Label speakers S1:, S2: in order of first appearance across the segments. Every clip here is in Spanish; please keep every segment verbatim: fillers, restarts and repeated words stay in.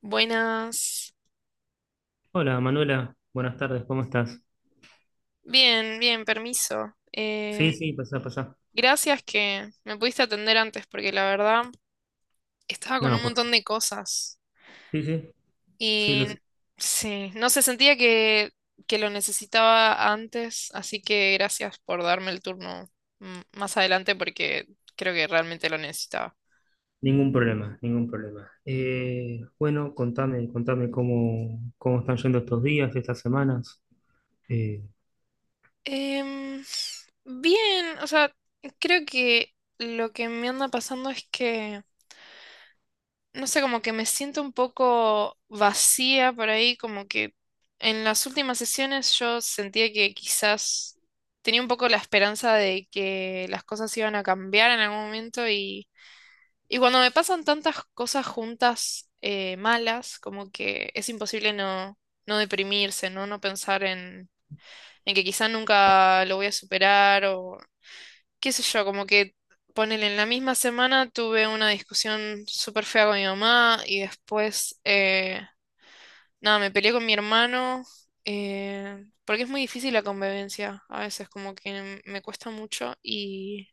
S1: Buenas.
S2: Hola Manuela, buenas tardes, ¿cómo estás?
S1: Bien, bien, permiso.
S2: Sí,
S1: Eh,
S2: sí, pasá, pasá.
S1: gracias que me pudiste atender antes porque la verdad estaba con
S2: No.
S1: un
S2: por...
S1: montón de cosas
S2: Sí, sí, sí, lo
S1: y
S2: sé.
S1: sí, no se sentía que, que lo necesitaba antes, así que gracias por darme el turno mm, más adelante porque creo que realmente lo necesitaba.
S2: Ningún problema, ningún problema. Eh, bueno, contame, contame cómo, cómo están yendo estos días, estas semanas. Eh,
S1: Em, Bien, o sea, creo que lo que me anda pasando es que no sé, como que me siento un poco vacía por ahí, como que en las últimas sesiones yo sentía que quizás tenía un poco la esperanza de que las cosas iban a cambiar en algún momento y, y cuando me pasan tantas cosas juntas eh, malas, como que es imposible no, no deprimirse, ¿no? No pensar en, en que quizás nunca lo voy a superar o qué sé yo, como que ponele en la misma semana tuve una discusión súper fea con mi mamá y después, eh, nada, me peleé con mi hermano, eh, porque es muy difícil la convivencia, a veces como que me cuesta mucho y,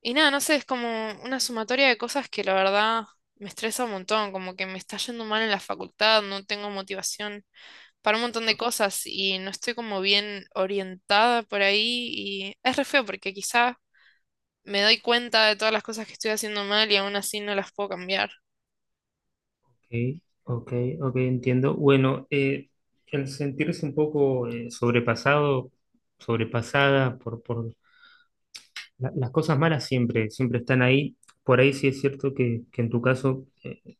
S1: y nada, no sé, es como una sumatoria de cosas que la verdad me estresa un montón, como que me está yendo mal en la facultad, no tengo motivación para un montón de cosas y no estoy como bien orientada por ahí y es re feo porque quizá me doy cuenta de todas las cosas que estoy haciendo mal y aún así no las puedo cambiar.
S2: ok, ok, ok, entiendo. Bueno, eh, el sentirse un poco eh, sobrepasado, sobrepasada por, por la- las cosas malas siempre, siempre están ahí. Por ahí sí es cierto que, que en tu caso eh,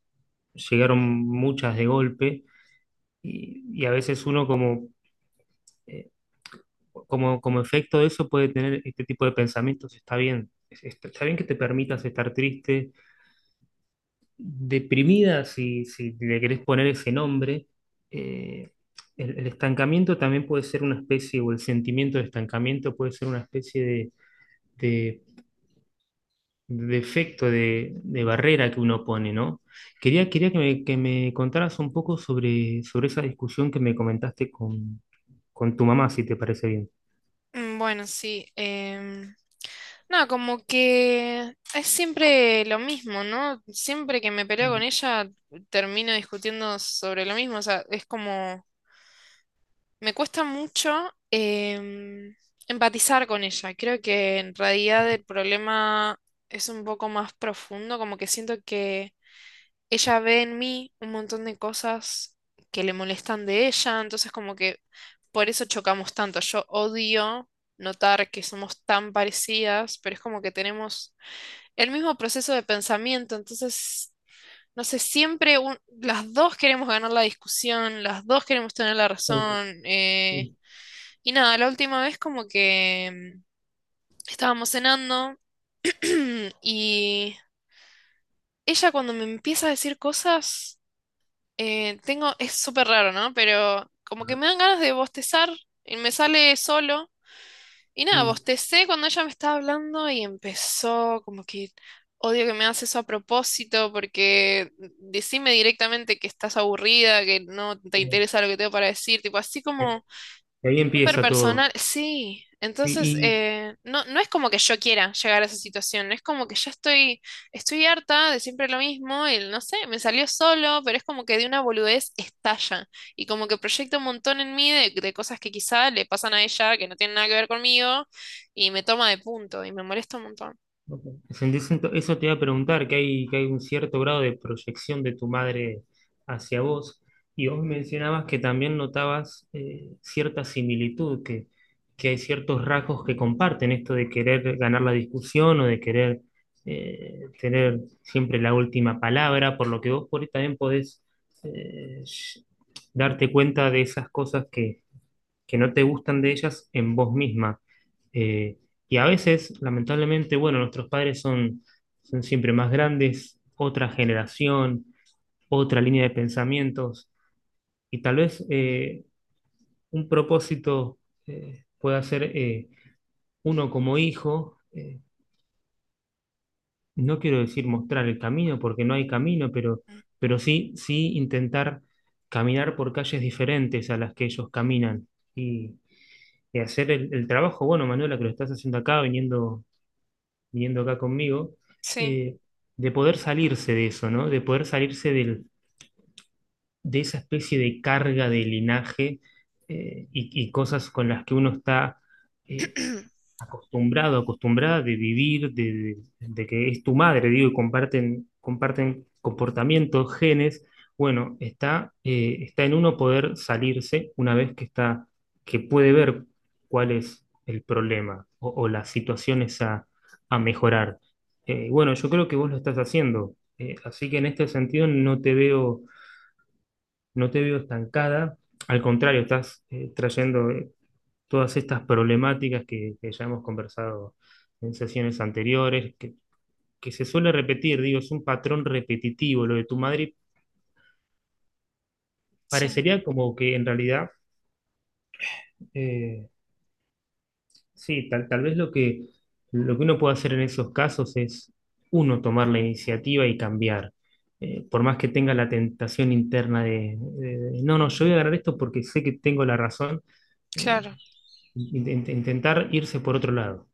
S2: llegaron muchas de golpe. Y, y a veces uno como, eh, como, como efecto de eso puede tener este tipo de pensamientos. Está bien. Es- está está bien que te permitas estar triste, deprimida, si, si le querés poner ese nombre. Eh, el, el estancamiento también puede ser una especie, o el sentimiento de estancamiento puede ser una especie de, de, de efecto, de, de barrera que uno pone, ¿no? Quería, quería que me, que me contaras un poco sobre, sobre esa discusión que me comentaste con, con tu mamá, si te parece bien.
S1: Mm, bueno, sí. Em, nada, como que es siempre lo mismo, ¿no? Siempre que me peleo con ella termino discutiendo sobre lo mismo. O sea, es como, me cuesta mucho em, empatizar con ella. Creo que en realidad el problema es un poco más profundo, como que siento que ella ve en mí un montón de cosas que le molestan de ella, entonces como que por eso chocamos tanto. Yo odio notar que somos tan parecidas, pero es como que tenemos el mismo proceso de pensamiento, entonces, no sé, siempre un- las dos queremos ganar la discusión, las dos queremos tener la
S2: Ok,
S1: razón. Eh,
S2: sí,
S1: y nada, la última vez como que mm, estábamos cenando y ella cuando me empieza a decir cosas. Eh, tengo, es súper raro, ¿no? Pero como que me dan ganas de bostezar y me sale solo. Y nada,
S2: mm,
S1: bostecé cuando ella me estaba hablando y empezó como que odio que me haces eso a propósito porque decime directamente que estás aburrida, que no te
S2: eh,
S1: interesa lo que tengo para decir, tipo así
S2: bien.
S1: como
S2: Y ahí
S1: súper
S2: empieza todo.
S1: personal, sí.
S2: Sí,
S1: Entonces,
S2: y
S1: eh, no, no es como que yo quiera llegar a esa situación, es como que ya estoy, estoy harta de siempre lo mismo, y no sé, me salió solo, pero es como que de una boludez estalla, y como que proyecta un montón en mí de, de cosas que quizá le pasan a ella, que no tienen nada que ver conmigo, y me toma de punto, y me molesta un montón.
S2: ok. Sentís ento- eso te iba a preguntar, que hay, que hay un cierto grado de proyección de tu madre hacia vos. Y vos mencionabas que también notabas eh, cierta similitud, que, que hay ciertos rasgos que comparten, esto de querer ganar la discusión o de querer eh, tener siempre la última palabra, por lo que vos por ahí también podés eh, sh- darte cuenta de esas cosas que que no te gustan de ellas en vos misma. Eh, y a veces, lamentablemente, bueno, nuestros padres son, son siempre más grandes, otra generación, otra línea de pensamientos, y tal vez eh, un propósito eh, pueda ser eh, uno como hijo, eh, no quiero decir mostrar el camino, porque no hay camino, pero, pero sí, sí intentar caminar por calles diferentes a las que ellos caminan. Y, que hacer el, el trabajo, bueno, Manuela, que lo estás haciendo acá, viniendo, viniendo acá conmigo,
S1: Sí,
S2: eh, de poder salirse de eso, ¿no? De poder salirse del- de esa especie de carga de linaje eh, y, y cosas con las que uno está, eh, acostumbrado, acostumbrada de vivir, de, de- de que es tu madre, digo, y comparten, comparten comportamientos, genes, bueno, está, eh, está en uno poder salirse una vez que está, que puede ver cuál es el problema o, o las situaciones a, a mejorar. Eh, bueno, yo creo que vos lo estás haciendo, eh, así que en este sentido no te veo, no te veo estancada, al contrario, estás eh, trayendo eh, todas estas problemáticas que, que ya hemos conversado en sesiones anteriores, que, que se suele repetir, digo, es un patrón repetitivo lo de tu madre, y
S1: sí,
S2: parecería como que en realidad, eh, sí, tal, tal vez lo que, lo que uno puede hacer en esos casos es uno tomar la iniciativa y cambiar. Eh, por más que tenga la tentación interna de, de- de, no, no, yo voy a ganar esto porque sé que tengo la razón, eh,
S1: claro.
S2: in- in- intentar irse por otro lado.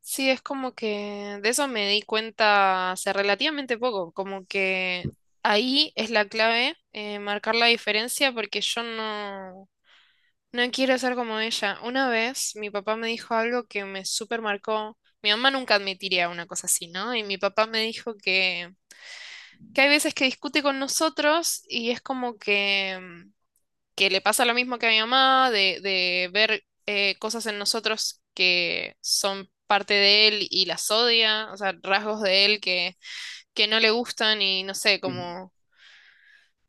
S1: Sí, es como que de eso me di cuenta hace relativamente poco, como que ahí es la clave, eh, marcar la diferencia porque yo no, no quiero ser como ella. Una vez mi papá me dijo algo que me súper marcó. Mi mamá nunca admitiría una cosa así, ¿no? Y mi papá me dijo que, que hay veces que discute con nosotros y es como que que le pasa lo mismo que a mi mamá, de, de ver eh, cosas en nosotros que son parte de él y las odia, o sea, rasgos de él que, que no le gustan y no sé,
S2: Mm,
S1: como,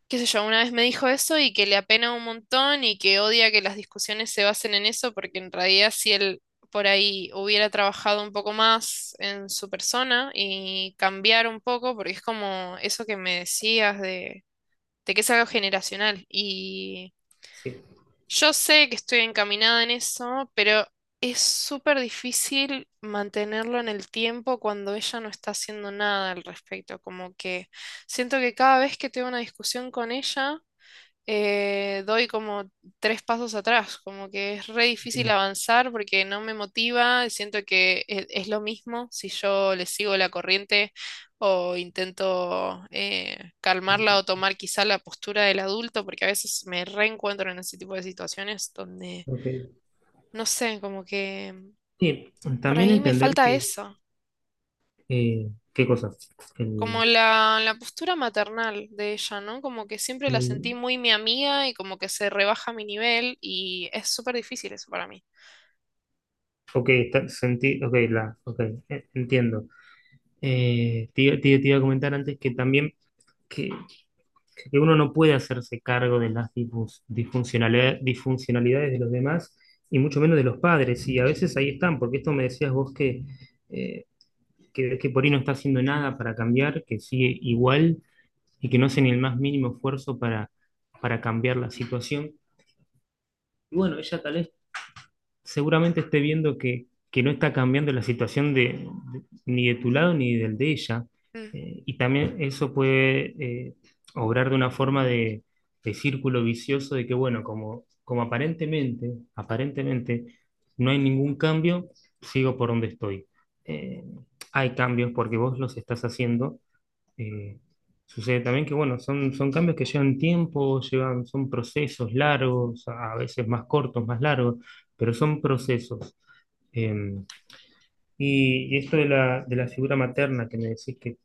S1: qué sé yo, una vez me dijo eso y que le apena un montón y que odia que las discusiones se basen en eso, porque en realidad si él por ahí hubiera trabajado un poco más en su persona y cambiar un poco, porque es como eso que me decías de, de que es algo generacional y
S2: sí,
S1: yo sé que estoy encaminada en eso, pero es súper difícil mantenerlo en el tiempo cuando ella no está haciendo nada al respecto. Como que siento que cada vez que tengo una discusión con ella, eh, doy como tres pasos atrás, como que es re difícil
S2: bien,
S1: avanzar porque no me motiva, siento que e- es, lo mismo si yo le sigo la corriente o intento eh, calmarla o tomar quizá la postura del adulto, porque a veces me reencuentro en ese tipo de situaciones donde,
S2: ok.
S1: no sé, como que
S2: Sí,
S1: por
S2: también
S1: ahí me
S2: entender
S1: falta
S2: que,
S1: eso.
S2: eh, qué cosas. El,
S1: Como la, la postura maternal de ella, ¿no? Como que siempre la sentí
S2: el-
S1: muy mi amiga y como que se rebaja mi nivel y es súper difícil eso para mí.
S2: ok, está, sentí, ok, la, ok, eh, entiendo. Eh, te, iba te- te iba a comentar antes que también que, que uno no puede hacerse cargo de las disfus- disfuncionalidad- disfuncionalidades de los demás y mucho menos de los padres. Y a veces ahí están, porque esto me decías vos que, eh, que, que por ahí no está haciendo nada para cambiar, que sigue igual y que no hace ni el más mínimo esfuerzo para, para cambiar la situación. Y bueno, ella tal vez seguramente esté viendo que, que no está cambiando la situación de, de- ni de tu lado ni del de ella.
S1: Mm,
S2: Eh, y también eso puede eh, obrar de una forma de, de círculo vicioso de que, bueno, como, como aparentemente, aparentemente no hay ningún cambio, sigo por donde estoy. Eh, Hay cambios porque vos los estás haciendo eh, sucede también que, bueno, son, son cambios que llevan tiempo, llevan, son procesos largos, a veces más cortos, más largos, pero son procesos. Eh, y, y esto de la, de la figura materna que me decís que,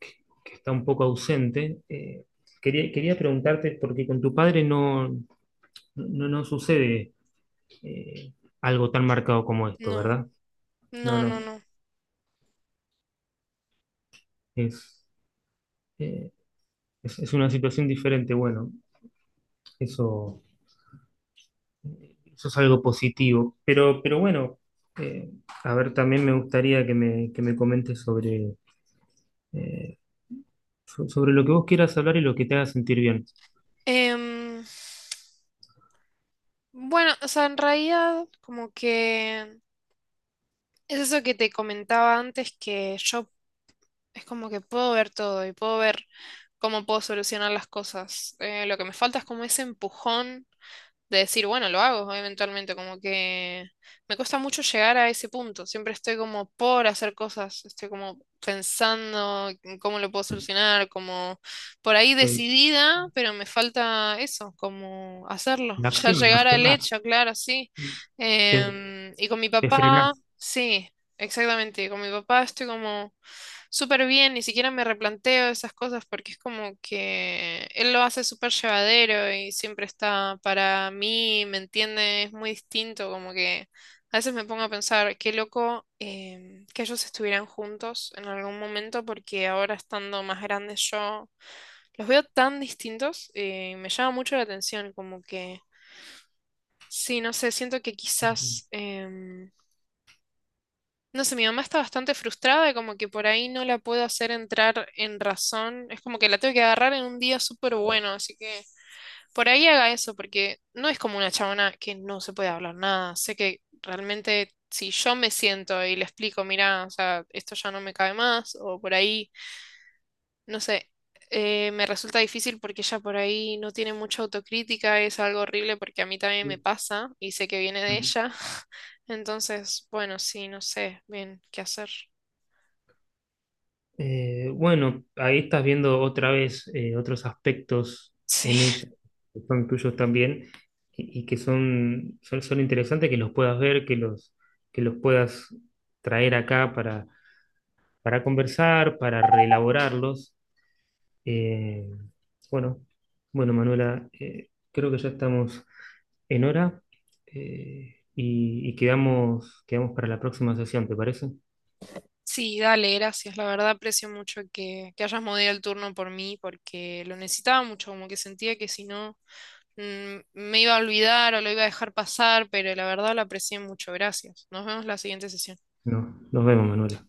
S2: que- que está un poco ausente, eh, quería, quería preguntarte, porque con tu padre no, no, no sucede eh, algo tan marcado como esto,
S1: no,
S2: ¿verdad? No,
S1: no, no,
S2: no,
S1: no.
S2: es, eh, es, es una situación diferente. Bueno, eso... eso es algo positivo. Pero, pero bueno, eh, a ver, también me gustaría que me, que me comentes sobre, eh, so- sobre lo que vos quieras hablar y lo que te haga sentir bien.
S1: Em, bueno, o sea, en realidad como que es eso que te comentaba antes, que yo es como que puedo ver todo y puedo ver cómo puedo solucionar las cosas. Eh, lo que me falta es como ese empujón, de decir, bueno, lo hago eventualmente, como que me cuesta mucho llegar a ese punto, siempre estoy como por hacer cosas, estoy como pensando en cómo lo puedo solucionar, como por ahí
S2: Ok.
S1: decidida, pero me falta eso, como hacerlo,
S2: La
S1: ya
S2: acción,
S1: llegar al
S2: accionar.
S1: hecho, claro, sí.
S2: Te,
S1: Em, y con mi
S2: te
S1: papá,
S2: frenás.
S1: sí, exactamente, con mi papá estoy como súper bien, ni siquiera me replanteo esas cosas porque es como que él lo hace súper llevadero y siempre está para mí, ¿me entiende? Es muy distinto, como que a veces me pongo a pensar, qué loco em, que ellos estuvieran juntos en algún momento porque ahora estando más grandes yo los veo tan distintos eh, y me llama mucho la atención, como que sí, no sé, siento que
S2: Ujú.
S1: quizás. Em, no sé, mi mamá está bastante frustrada, como que por ahí no la puedo hacer entrar en razón. Es como que la tengo que agarrar en un día súper bueno, así que por ahí haga eso, porque no es como una chabona que no se puede hablar nada. Sé que realmente si yo me siento y le explico, mira, o sea, esto ya no me cabe más, o por ahí, no sé, eh, me resulta difícil porque ella por ahí no tiene mucha autocrítica, es algo horrible porque a mí también me pasa y sé que viene de
S2: Ujú.
S1: ella. Entonces, bueno, sí, no sé bien qué hacer.
S2: Eh, bueno, ahí estás viendo otra vez eh, otros aspectos
S1: Sí,
S2: en ella que son tuyos también y, y que son, son, son interesantes que los puedas ver, que los, que los puedas traer acá para conversar, para reelaborarlos. Eh, bueno, bueno, Manuela, eh, creo que ya estamos en hora eh, y, y quedamos, quedamos para la próxima sesión, ¿te parece?
S1: sí, dale, gracias. La verdad aprecio mucho que, que hayas movido el turno por mí porque lo necesitaba mucho, como que sentía que si no mm, me iba a olvidar o lo iba a dejar pasar, pero la verdad lo aprecié mucho. Gracias. Nos vemos la siguiente sesión.
S2: No, nos vemos, Manuela.